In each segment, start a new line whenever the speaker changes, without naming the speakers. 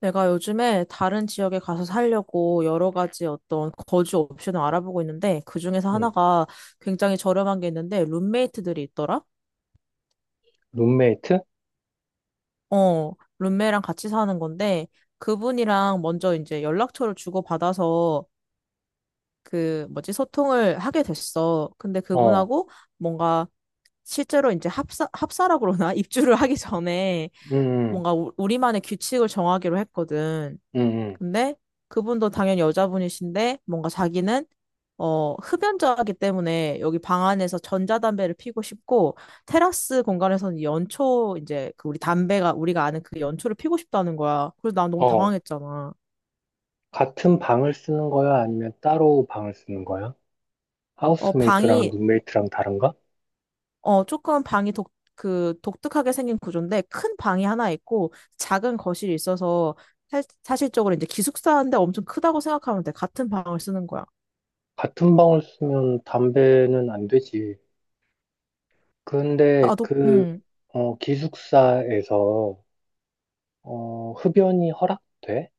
내가 요즘에 다른 지역에 가서 살려고 여러 가지 어떤 거주 옵션을 알아보고 있는데 그중에서
음,
하나가 굉장히 저렴한 게 있는데 룸메이트들이 있더라?
룸메이트?
어, 룸메랑 같이 사는 건데 그분이랑 먼저 이제 연락처를 주고받아서 그 뭐지 소통을 하게 됐어. 근데
어,
그분하고 뭔가 실제로 이제 합사라 그러나 입주를 하기 전에
음, 음,
뭔가 우리만의 규칙을 정하기로 했거든.
음, 음.
근데 그분도 당연히 여자분이신데 뭔가 자기는 흡연자이기 때문에 여기 방 안에서 전자담배를 피고 싶고 테라스 공간에서는 연초 이제 그 우리 담배가 우리가 아는 그 연초를 피고 싶다는 거야. 그래서 난 너무
어,
당황했잖아.
같은 방을 쓰는 거야? 아니면 따로 방을 쓰는 거야?
어,
하우스메이트랑
방이
룸메이트랑 다른가?
조금 방이 독, 그 독특하게 생긴 구조인데 큰 방이 하나 있고 작은 거실이 있어서 실적으로 이제 기숙사인데 엄청 크다고 생각하면 돼. 같은 방을 쓰는 거야.
같은 방을 쓰면 담배는 안 되지. 근데
나도
기숙사에서, 흡연이 허락돼?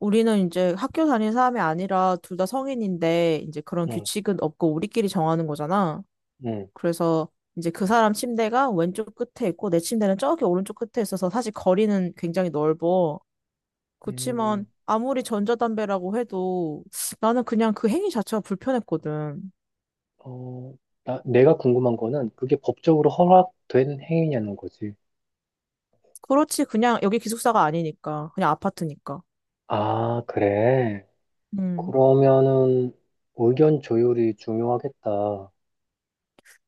우리는 이제 학교 다니는 사람이 아니라 둘 다 성인인데 이제 그런
응,
규칙은 없고 우리끼리 정하는 거잖아.
응,
그래서 이제 그 사람 침대가 왼쪽 끝에 있고 내 침대는 저기 오른쪽 끝에 있어서 사실 거리는 굉장히 넓어. 그렇지만
음,
아무리 전자담배라고 해도 나는 그냥 그 행위 자체가 불편했거든.
어, 내가 궁금한 거는 그게 법적으로 허락된 행위냐는 거지.
그렇지, 그냥 여기 기숙사가 아니니까 그냥 아파트니까.
아, 그래.
음.
그러면은 의견 조율이 중요하겠다.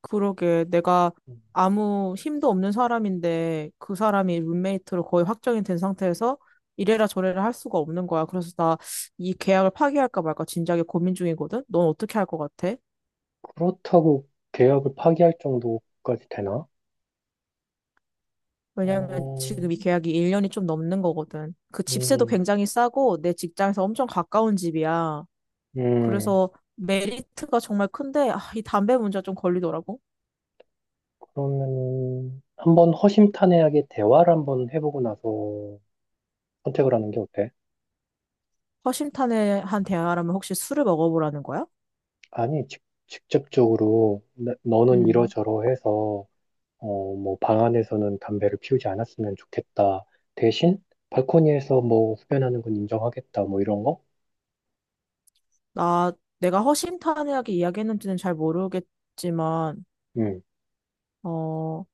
그러게, 내가
음,
아무 힘도 없는 사람인데 그 사람이 룸메이트로 거의 확정이 된 상태에서 이래라 저래라 할 수가 없는 거야. 그래서 나 이 계약을 파기할까 말까 진작에 고민 중이거든. 넌 어떻게 할 것 같아?
그렇다고 계약을 파기할 정도까지 되나?
왜냐면
어,
지금 이 계약이 1년이 좀 넘는 거거든. 그 집세도
음,
굉장히 싸고 내 직장에서 엄청 가까운 집이야.
음,
그래서 메리트가 정말 큰데 아, 이 담배 문제가 좀 걸리더라고.
그러면 한번 허심탄회하게 대화를 한번 해보고 나서 선택을 하는 게 어때?
허심탄회한 대화라면 혹시 술을 먹어보라는 거야?
아니, 직접적으로 너는
음.
이러저러해서 뭐 방 안에서는 담배를 피우지 않았으면 좋겠다. 대신 발코니에서 뭐 흡연하는 건 인정하겠다. 뭐 이런 거?
나, 내가 허심탄회하게 이야기했는지는 잘 모르겠지만,
음.
어,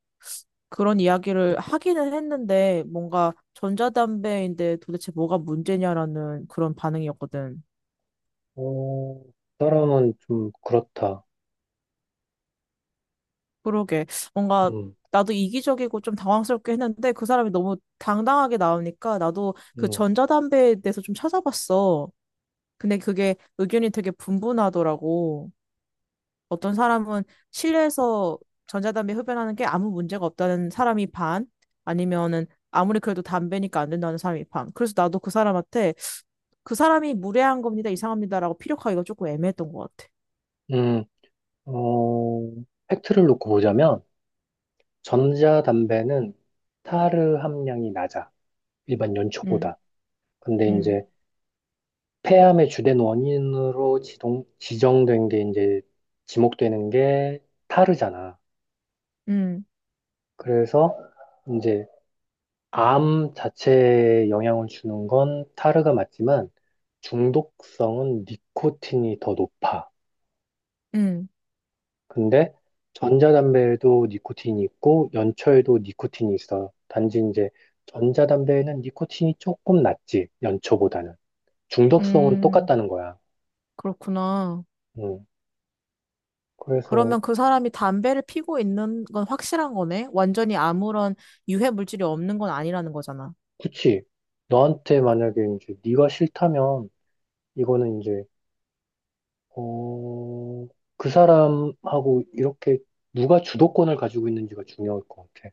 그런 이야기를 하기는 했는데, 뭔가 전자담배인데 도대체 뭐가 문제냐라는 그런 반응이었거든.
어, 사람은 좀 그렇다.
그러게. 뭔가
음,
나도 이기적이고 좀 당황스럽게 했는데, 그 사람이 너무 당당하게 나오니까 나도 그
음,
전자담배에 대해서 좀 찾아봤어. 근데 그게 의견이 되게 분분하더라고. 어떤 사람은 실내에서 전자담배 흡연하는 게 아무 문제가 없다는 사람이 반, 아니면은 아무리 그래도 담배니까 안 된다는 사람이 반. 그래서 나도 그 사람한테 그 사람이 무례한 겁니다, 이상합니다라고 피력하기가 조금 애매했던 것 같아.
음, 어, 팩트를 놓고 보자면, 전자담배는 타르 함량이 낮아. 일반
음.
연초보다. 근데
음.
이제 폐암의 주된 원인으로 지정된 게 이제 지목되는 게 타르잖아.
음.
그래서 이제 암 자체에 영향을 주는 건 타르가 맞지만, 중독성은 니코틴이 더 높아.
음.
근데 전자담배에도 니코틴이 있고 연초에도 니코틴이 있어. 단지 이제 전자담배에는 니코틴이 조금 낮지, 연초보다는. 중독성은
음.
똑같다는 거야.
그렇구나.
음. 그래서
그러면 그 사람이 담배를 피고 있는 건 확실한 거네? 완전히 아무런 유해 물질이 없는 건 아니라는 거잖아.
그치. 너한테 만약에 이제 네가 싫다면 이거는 이제 어, 그 사람하고 이렇게 누가 주도권을 가지고 있는지가 중요할 것 같아.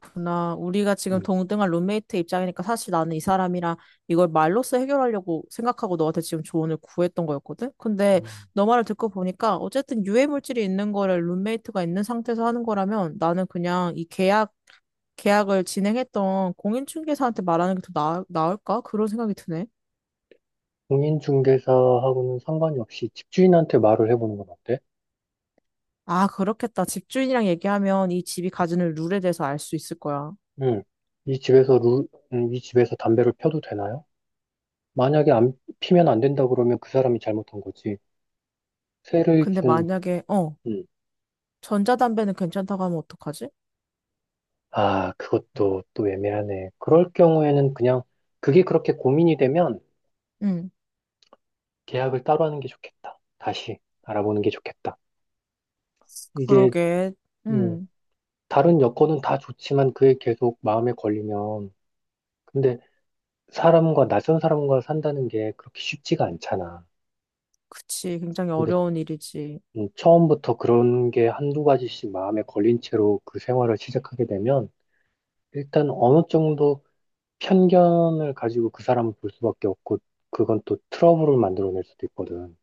그렇구나. 우리가 지금
음.
동등한 룸메이트 입장이니까 사실 나는 이 사람이랑 이걸 말로써 해결하려고 생각하고 너한테 지금 조언을 구했던 거였거든? 근데
음.
너 말을 듣고 보니까 어쨌든 유해 물질이 있는 거를 룸메이트가 있는 상태에서 하는 거라면 나는 그냥 이 계약을 진행했던 공인중개사한테 말하는 게 더 나을까? 그런 생각이 드네.
공인중개사하고는 상관이 없이 집주인한테 말을 해보는 건 어때?
아, 그렇겠다. 집주인이랑 얘기하면 이 집이 가지는 룰에 대해서 알 수 있을 거야.
음, 이 집에서 루, 이 집에서 담배를 펴도 되나요? 만약에 안 피면 안 된다 그러면 그 사람이 잘못한 거지. 세를
근데
준,
만약에,
음,
전자담배는 괜찮다고 하면 어떡하지?
아, 그것도 또 애매하네. 그럴 경우에는 그냥 그게 그렇게 고민이 되면
응.
계약을 따로 하는 게 좋겠다. 다시 알아보는 게 좋겠다. 이게,
그러게.
음,
응.
다른 여건은 다 좋지만 그게 계속 마음에 걸리면, 근데 낯선 사람과 산다는 게 그렇게 쉽지가 않잖아.
그치, 굉장히
근데
어려운 일이지.
처음부터 그런 게 한두 가지씩 마음에 걸린 채로 그 생활을 시작하게 되면 일단 어느 정도 편견을 가지고 그 사람을 볼 수밖에 없고 그건 또 트러블을 만들어낼 수도 있거든.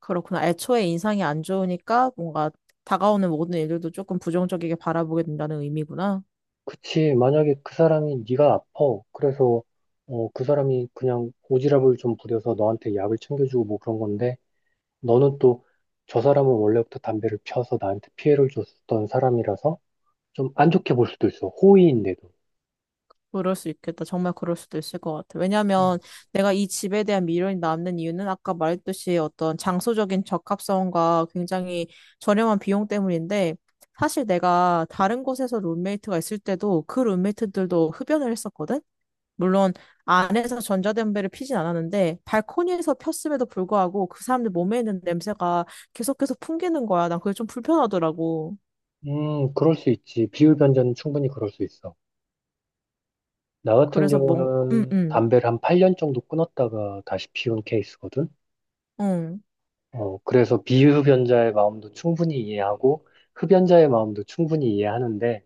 그렇구나. 애초에 인상이 안 좋으니까 뭔가 다가오는 모든 일들도 조금 부정적이게 바라보게 된다는 의미구나.
그치, 만약에 그 사람이 네가 아파. 그래서 그 사람이 그냥 오지랖을 좀 부려서 너한테 약을 챙겨주고 뭐 그런 건데 너는 또 저 사람은 원래부터 담배를 피워서 나한테 피해를 줬던 사람이라서 좀 안 좋게 볼 수도 있어. 호의인데도.
그럴 수 있겠다. 정말 그럴 수도 있을 것 같아. 왜냐하면 내가 이 집에 대한 미련이 남는 이유는 아까 말했듯이 어떤 장소적인 적합성과 굉장히 저렴한 비용 때문인데 사실 내가 다른 곳에서 룸메이트가 있을 때도 그 룸메이트들도 흡연을 했었거든? 물론 안에서 전자담배를 피진 않았는데 발코니에서 폈음에도 불구하고 그 사람들 몸에 있는 냄새가 계속해서 풍기는 거야. 난 그게 좀 불편하더라고.
그럴 수 있지. 비율 변제는 충분히 그럴 수 있어. 나 같은
그래서 응
경우는
응,
담배를 한 8년 정도 끊었다가 다시 피운 케이스거든.
응.
그래서 비흡연자의 마음도 충분히 이해하고 흡연자의 마음도 충분히 이해하는데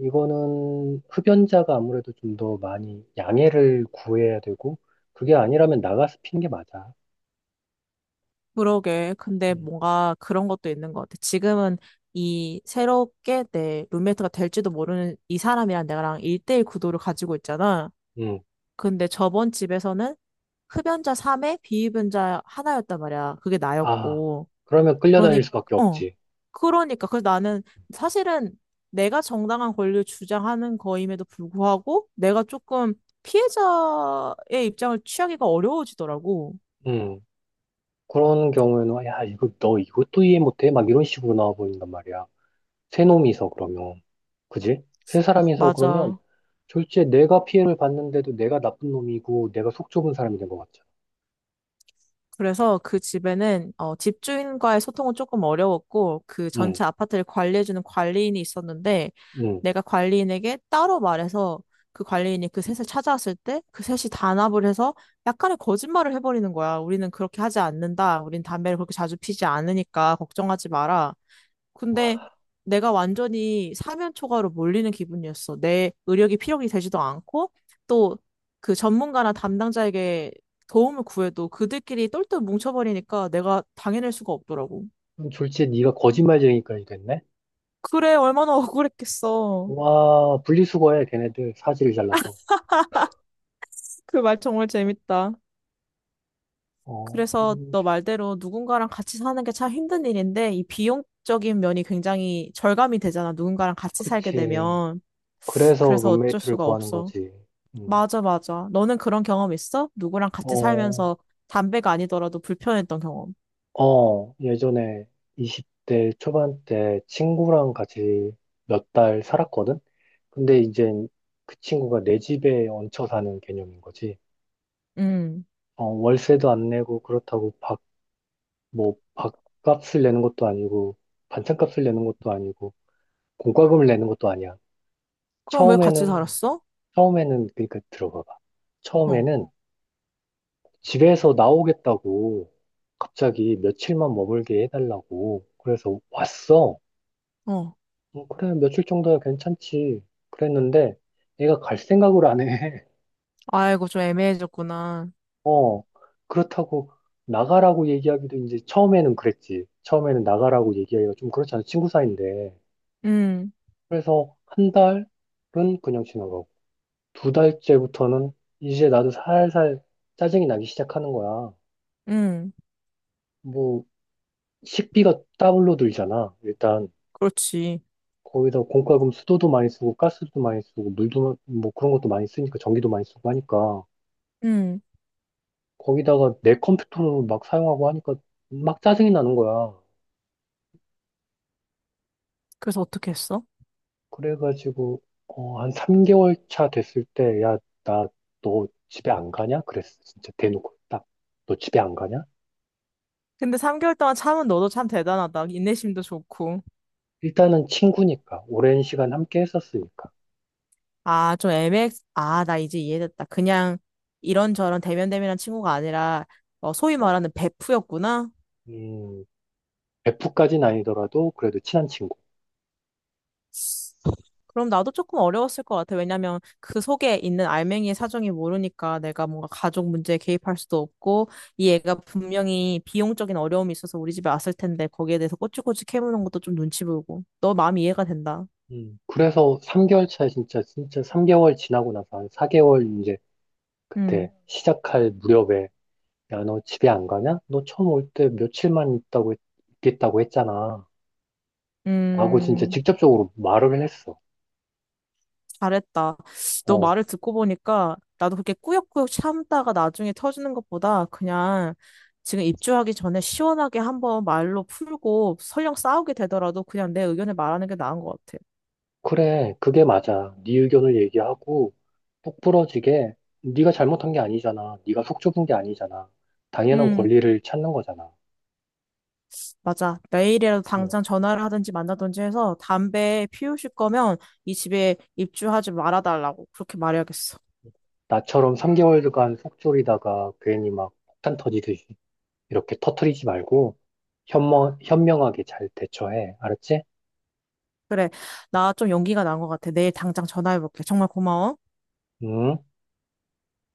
이거는 흡연자가 아무래도 좀 더 많이 양해를 구해야 되고 그게 아니라면 나가서 피는 게 맞아.
그러게. 근데
음,
뭔가 그런 것도 있는 것 같아. 지금은 이 새롭게 내 룸메이트가 될지도 모르는 이 사람이랑 내가랑 일대일 구도를 가지고 있잖아.
음.
근데 저번 집에서는 흡연자 3에 비흡연자 하나였단 말이야. 그게
아,
나였고.
그러면
그러니,
끌려다닐 수밖에
어.
없지.
그러니까. 그래서 나는 사실은 내가 정당한 권리를 주장하는 거임에도 불구하고 내가 조금 피해자의 입장을 취하기가 어려워지더라고.
음, 그런 경우에는 야, 이거 너 이것도 이해 못해? 막 이런 식으로 나와 버린단 말이야. 세 놈이서 그러면. 그지? 세 사람이서 그러면
맞아.
졸지에 내가 피해를 봤는데도 내가 나쁜 놈이고 내가 속 좁은 사람이 된 것 같잖아.
그래서 그 집에는 집주인과의 소통은 조금 어려웠고 그
응,
전체 아파트를 관리해주는 관리인이 있었는데
응.
내가 관리인에게 따로 말해서 그 관리인이 그 셋을 찾아왔을 때 그 셋이 단합을 해서 약간의 거짓말을 해버리는 거야. 우리는 그렇게 하지 않는다. 우린 담배를 그렇게 자주 피지 않으니까 걱정하지 마라. 근데 내가 완전히 사면 초과로 몰리는 기분이었어. 내 의력이 필요하게 되지도 않고 또 그 전문가나 담당자에게 도움을 구해도 그들끼리 똘똘 뭉쳐버리니까 내가 당해낼 수가 없더라고.
그럼 졸지에 네가 거짓말쟁이까지 됐네?
그래, 얼마나 억울했겠어.
와, 분리수거해, 걔네들. 사지를 잘라서.
그 말 정말 재밌다.
어,
그래서 너 말대로 누군가랑 같이 사는 게 참 힘든 일인데 이 비용적인 면이 굉장히 절감이 되잖아. 누군가랑 같이 살게
그치.
되면.
그래서
그래서 어쩔
룸메이트를
수가
구하는
없어.
거지. 음.
맞아, 맞아. 너는 그런 경험 있어? 누구랑 같이
어,
살면서 담배가 아니더라도 불편했던 경험.
예전에 20대 초반 때 친구랑 같이 몇 달 살았거든? 근데 이제 그 친구가 내 집에 얹혀 사는 개념인 거지.
음.
월세도 안 내고 그렇다고 밥값을 내는 것도 아니고 반찬값을 내는 것도 아니고 공과금을 내는 것도 아니야.
그럼 왜 같이
처음에는,
살았어?
처음에는, 그러니까 들어봐봐.
어,
처음에는 집에서 나오겠다고 갑자기 며칠만 머물게 해달라고 그래서 왔어.
어.
그래, 며칠 정도야 괜찮지. 그랬는데 애가 갈 생각을 안 해.
아이고, 좀 애매해졌구나.
어, 그렇다고 나가라고 얘기하기도 이제 처음에는 그랬지. 처음에는 나가라고 얘기하기가 좀 그렇잖아. 친구 사이인데.
음.
그래서 한 달은 그냥 지나가고, 두 달째부터는 이제 나도 살살 짜증이 나기 시작하는 거야.
음.
뭐, 식비가 따블로 들잖아. 일단,
그렇지.
거기다 공과금 수도도 많이 쓰고, 가스도 많이 쓰고, 물도, 뭐 그런 것도 많이 쓰니까, 전기도 많이 쓰고 하니까.
음.
거기다가 내 컴퓨터를 막 사용하고 하니까 막 짜증이 나는 거야.
그래서 어떻게 했어?
그래가지고, 한 3개월 차 됐을 때, 야, 나, 너 집에 안 가냐? 그랬어. 진짜 대놓고 딱. 너 집에 안 가냐?
근데 3개월 동안 참은 너도 참 대단하다. 인내심도 좋고.
일단은 친구니까, 오랜 시간 함께 했었으니까.
아, 좀 아, 나 이제 이해됐다. 그냥 이런저런 대면대면한 친구가 아니라 소위
어,
말하는 베프였구나.
음, 베프까 아니더라도 그래도 친한 친구.
그럼 나도 조금 어려웠을 것 같아. 왜냐면 그 속에 있는 알맹이의 사정이 모르니까 내가 뭔가 가족 문제에 개입할 수도 없고 이 애가 분명히 비용적인 어려움이 있어서 우리 집에 왔을 텐데 거기에 대해서 꼬치꼬치 캐무는 것도 좀 눈치 보이고. 너 마음이 이해가 된다.
그래서 3개월 차에 진짜, 진짜 3개월 지나고 나서 한 4개월 이제
음.
그때 시작할 무렵에, 야, 너 집에 안 가냐? 너 처음 올 때 며칠만 있다고, 있겠다고 했잖아. 라고 진짜
음.
직접적으로 말을 했어.
잘했다. 너
어
말을 듣고 보니까 나도 그렇게 꾸역꾸역 참다가 나중에 터지는 것보다 그냥 지금 입주하기 전에 시원하게 한번 말로 풀고 설령 싸우게 되더라도 그냥 내 의견을 말하는 게 나은 것 같아.
그래, 그게 맞아. 네 의견을 얘기하고 똑부러지게 네가 잘못한 게 아니잖아. 네가 속 좁은 게 아니잖아. 당연한
음.
권리를 찾는 거잖아.
맞아. 내일이라도
어,
당장 전화를 하든지 만나든지 해서 담배 피우실 거면 이 집에 입주하지 말아달라고 그렇게 말해야겠어.
나처럼 3개월간 속 졸이다가 괜히 막 폭탄 터지듯이 이렇게 터트리지 말고 현명하게 잘 대처해. 알았지?
그래. 나 좀 용기가 난 것 같아. 내일 당장 전화해볼게. 정말 고마워.
응?